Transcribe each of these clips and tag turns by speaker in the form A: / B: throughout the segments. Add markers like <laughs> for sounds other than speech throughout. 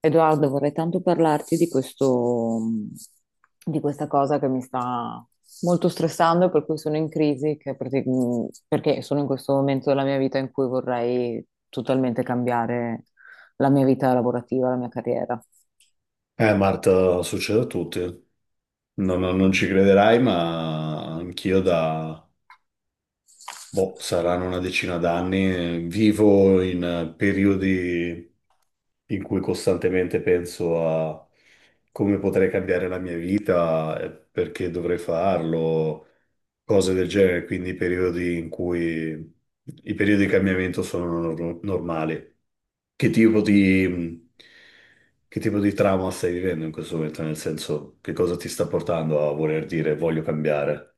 A: Edoardo, vorrei tanto parlarti di questo, di questa cosa che mi sta molto stressando, e per cui sono in crisi, perché sono in questo momento della mia vita in cui vorrei totalmente cambiare la mia vita lavorativa, la mia carriera.
B: Marta, succede a tutti. Non ci crederai, ma anch'io da, boh, saranno una decina d'anni, vivo in periodi in cui costantemente penso a come potrei cambiare la mia vita, perché dovrei farlo, cose del genere, quindi periodi in cui i periodi di cambiamento sono normali. Che tipo di, che tipo di trauma stai vivendo in questo momento? Nel senso, che cosa ti sta portando a voler dire voglio cambiare?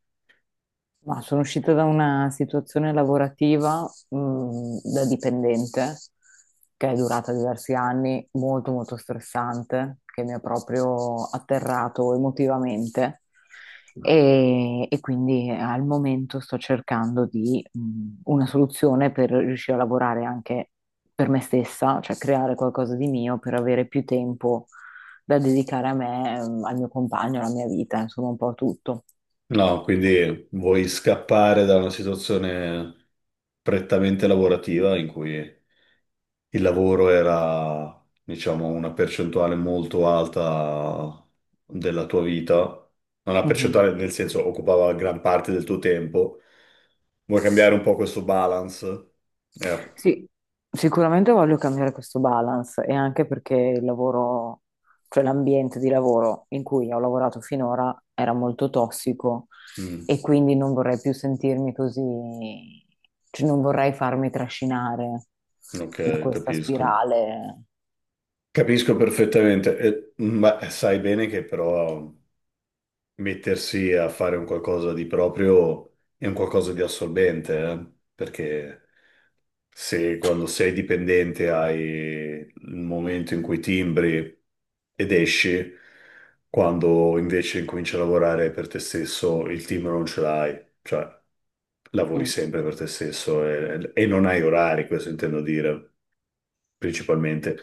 A: Ma sono uscita da una situazione lavorativa, da dipendente che è durata diversi anni, molto molto stressante, che mi ha proprio atterrato emotivamente. E quindi al momento sto cercando di una soluzione per riuscire a lavorare anche per me stessa, cioè creare qualcosa di mio per avere più tempo da dedicare a me, al mio compagno, alla mia vita, insomma un po' a tutto.
B: No, quindi vuoi scappare da una situazione prettamente lavorativa in cui il lavoro era, diciamo, una percentuale molto alta della tua vita, una percentuale nel senso occupava gran parte del tuo tempo. Vuoi cambiare un po' questo balance? Eh,
A: Sì, sicuramente voglio cambiare questo balance e anche perché il lavoro, cioè l'ambiente di lavoro in cui ho lavorato finora era molto tossico
B: mm,
A: e quindi non vorrei più sentirmi così, cioè non vorrei farmi trascinare da
B: ok,
A: questa
B: capisco.
A: spirale.
B: Capisco perfettamente, ma sai bene che però mettersi a fare un qualcosa di proprio è un qualcosa di assorbente, eh? Perché se quando sei dipendente hai il momento in cui timbri ed esci, quando invece incominci a lavorare per te stesso, il timbro non ce l'hai, cioè lavori
A: Mm,
B: sempre per te stesso e non hai orari, questo intendo dire principalmente.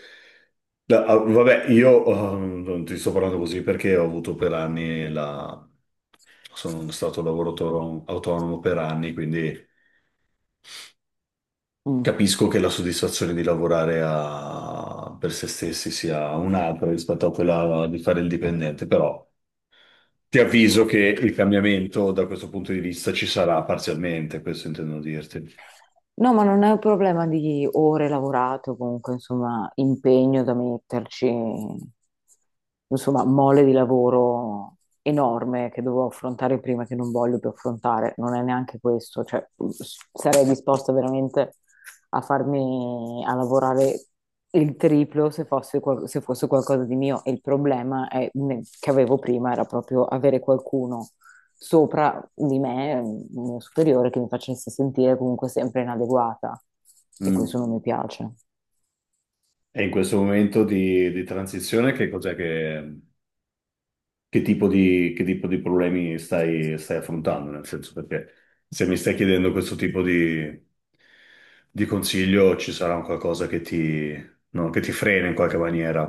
B: Vabbè, io non ti sto parlando così perché ho avuto per anni la... sono stato lavoratore autonomo per anni, quindi
A: mm.
B: capisco che la soddisfazione di lavorare per se stessi sia un'altra rispetto a quella di fare il dipendente, però ti avviso che il cambiamento da questo punto di vista ci sarà parzialmente, questo intendo dirti.
A: No, ma non è un problema di ore lavorate o comunque, insomma, impegno da metterci, insomma, mole di lavoro enorme che dovevo affrontare prima che non voglio più affrontare. Non è neanche questo, cioè sarei disposta veramente a farmi, a lavorare il triplo se fosse, se fosse qualcosa di mio. E il problema che avevo prima era proprio avere qualcuno sopra di me, un mio superiore, che mi facesse sentire comunque sempre inadeguata e questo
B: Mm.
A: non mi piace.
B: E in questo momento di transizione, che cos'è che... che tipo di problemi stai affrontando, nel senso perché se mi stai chiedendo questo tipo di consiglio ci sarà un qualcosa che ti, no, che ti frena in qualche maniera.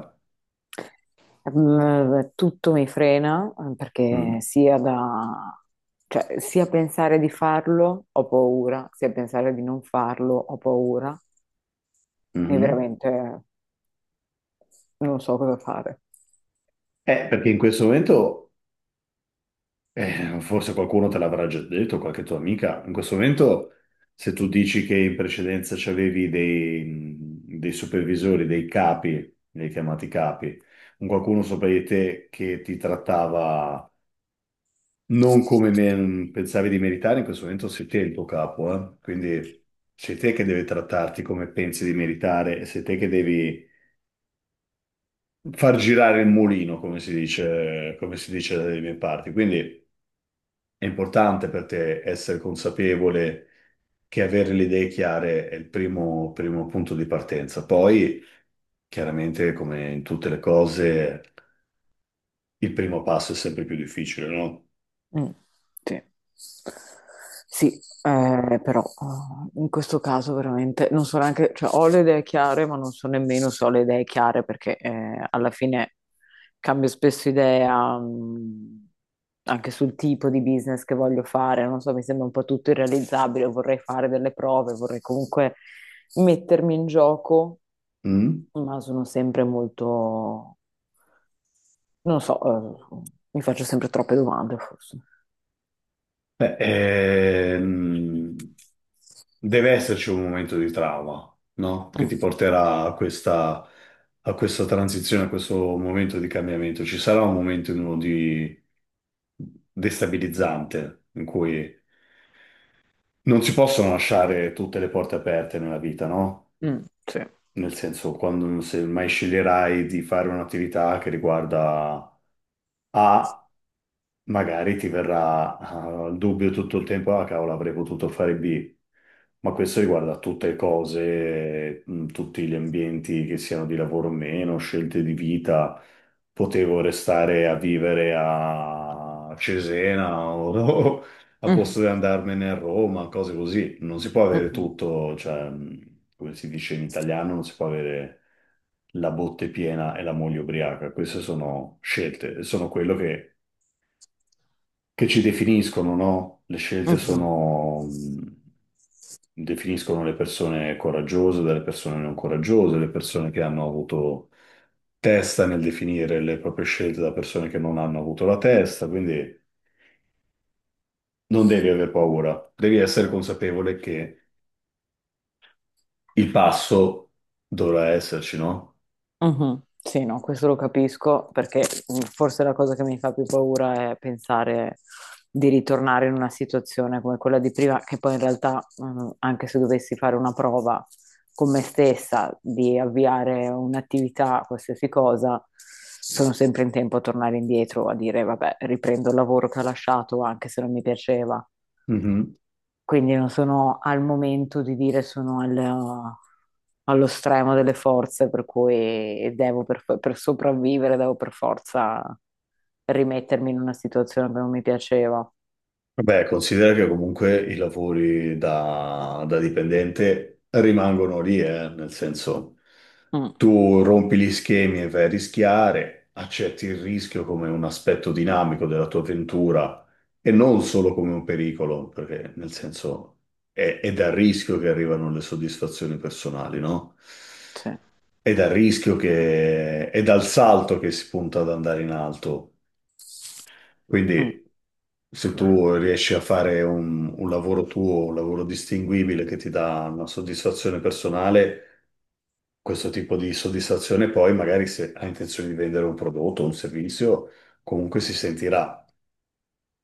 A: Mm. Tutto mi frena perché
B: Mm.
A: cioè, sia pensare di farlo ho paura, sia pensare di non farlo ho paura e
B: Mhm.
A: veramente non so cosa fare.
B: Perché in questo momento, forse qualcuno te l'avrà già detto, qualche tua amica, in questo momento se tu dici che in precedenza c'avevi dei supervisori, dei capi, li hai chiamati capi, un qualcuno sopra di te che ti trattava non come pensavi di meritare, in questo momento sei te il tuo capo, eh? Quindi sei te che deve trattarti come pensi di meritare, e sei te che devi far girare il mulino, come si dice dalle mie parti. Quindi è importante per te essere consapevole che avere le idee chiare è il primo punto di partenza. Poi, chiaramente, come in tutte le cose, il primo passo è sempre più difficile, no?
A: Mm, sì. Sì, però in questo caso veramente non so neanche, cioè ho le idee chiare, ma non so nemmeno se ho le idee chiare perché alla fine cambio spesso idea anche sul tipo di business che voglio fare, non so, mi sembra un po' tutto irrealizzabile, vorrei fare delle prove, vorrei comunque mettermi in gioco,
B: Mm?
A: ma sono sempre molto, non so, mi faccio sempre troppe domande forse.
B: Beh, deve esserci un momento di trauma, no? Che
A: Mm,
B: ti porterà a questa transizione, a questo momento di cambiamento. Ci sarà un momento in uno di destabilizzante in cui non si possono lasciare tutte le porte aperte nella vita, no?
A: mm, sì.
B: Nel senso, quando se mai sceglierai di fare un'attività che riguarda A magari ti verrà il dubbio tutto il tempo, ah cavolo, avrei potuto fare B. Ma questo riguarda tutte le cose, tutti gli ambienti che siano di lavoro o meno, scelte di vita. Potevo restare a vivere a Cesena o, <laughs> o a
A: Mm.
B: posto di andarmene a Roma, cose così. Non si può avere
A: Mhm.
B: tutto, cioè, come si dice in italiano, non si può avere la botte piena e la moglie ubriaca. Queste sono scelte, sono quello che ci definiscono, no? Le scelte
A: Mhm.
B: sono, definiscono le persone coraggiose dalle persone non coraggiose, le persone che hanno avuto testa nel definire le proprie scelte da persone che non hanno avuto la testa, quindi non devi avere paura, devi essere consapevole che il passo dovrà esserci, no?
A: Mhm. Sì, no, questo lo capisco perché forse la cosa che mi fa più paura è pensare di ritornare in una situazione come quella di prima, che poi in realtà, anche se dovessi fare una prova con me stessa di avviare un'attività, qualsiasi cosa, sono sempre in tempo a tornare indietro, a dire, vabbè, riprendo il lavoro che ho lasciato, anche se non mi piaceva.
B: Mhm.
A: Quindi non sono al momento di dire sono allo stremo delle forze, per cui devo per sopravvivere, devo per forza rimettermi in una situazione che non mi piaceva.
B: Beh, considera che comunque i lavori da dipendente rimangono lì, nel senso
A: Mm,
B: tu rompi gli schemi e vai a rischiare, accetti il rischio come un aspetto dinamico della tua avventura e non solo come un pericolo, perché nel senso è dal rischio che arrivano le soddisfazioni personali, no?
A: sì.
B: È dal rischio che, è dal salto che si punta ad andare in alto.
A: Mm.
B: Quindi se tu riesci a fare un lavoro tuo, un lavoro distinguibile che ti dà una soddisfazione personale, questo tipo di soddisfazione poi magari se hai intenzione di vendere un prodotto o un servizio, comunque si sentirà.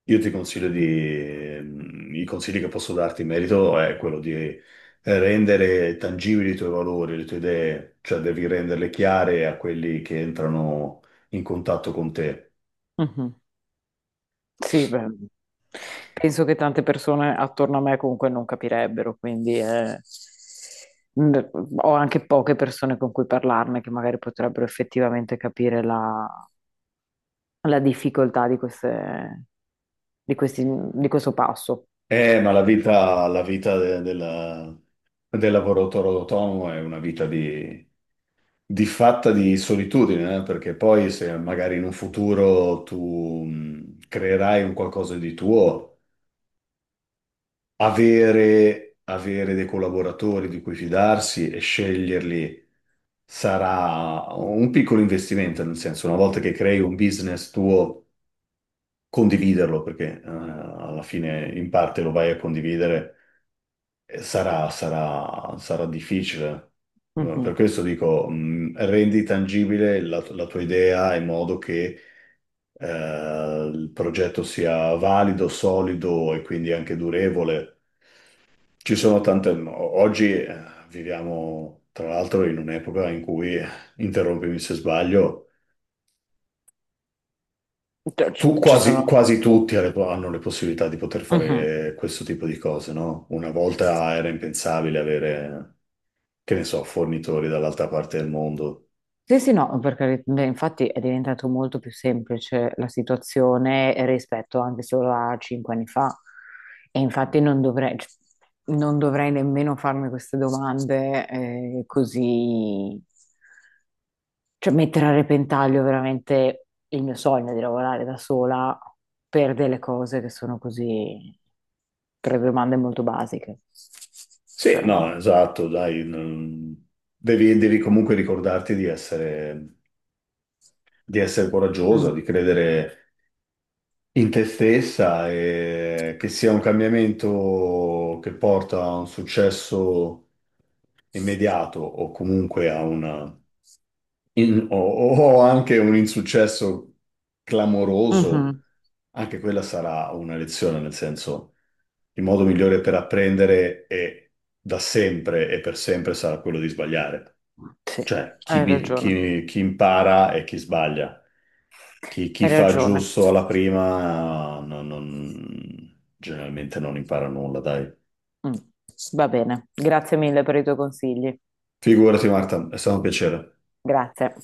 B: Io ti consiglio di, i consigli che posso darti in merito è quello di rendere tangibili i tuoi valori, le tue idee, cioè devi renderle chiare a quelli che entrano in contatto con te.
A: Mhm. Sì, beh, penso che tante persone attorno a me comunque non capirebbero, quindi mh, ho anche poche persone con cui parlarne che magari potrebbero effettivamente capire la la difficoltà di queste, di questi, di questo passo.
B: Ma la vita, del lavoratore autonomo è una vita di fatta di solitudine, eh. Perché poi se magari in un futuro tu creerai un qualcosa di tuo, avere dei collaboratori di cui fidarsi e sceglierli sarà un piccolo investimento, nel senso, una volta che crei un business tuo, condividerlo, perché alla fine in parte lo vai a condividere. Sarà difficile. No,
A: Mhm.
B: per questo dico, rendi tangibile la tua idea in modo che il progetto sia valido, solido e quindi anche durevole. Ci sono tante... Oggi viviamo, tra l'altro, in un'epoca in cui, interrompimi se sbaglio,
A: Cioè,
B: tu,
A: ci sono.
B: quasi tutti ha le po- hanno le possibilità di poter
A: Mhm.
B: fare questo tipo di cose, no? Una volta era impensabile avere... che ne so, fornitori dall'altra parte del mondo.
A: Sì, sì, no, perché beh, infatti è diventato molto più semplice la situazione rispetto anche solo a 5 anni fa. E infatti non dovrei, cioè, non dovrei nemmeno farmi queste domande così. Cioè, mettere a repentaglio veramente il mio sogno di lavorare da sola per delle cose che sono così, per domande molto basiche.
B: Sì,
A: Cioè,
B: no, esatto, dai, mm, devi comunque ricordarti di essere coraggiosa,
A: mm,
B: di credere in te stessa e che sia un cambiamento che porta a un successo immediato o comunque a una, o anche un insuccesso clamoroso.
A: mhm,
B: Anche quella sarà una lezione, nel senso, il modo migliore per apprendere è da sempre e per sempre sarà quello di sbagliare.
A: sì.
B: Cioè,
A: Hai ragione.
B: chi impara è chi sbaglia. Chi
A: Hai
B: fa
A: ragione.
B: giusto alla prima generalmente non impara nulla, dai.
A: Mm, va bene, grazie mille per i tuoi consigli.
B: Figurati, Marta, è stato un piacere.
A: Grazie.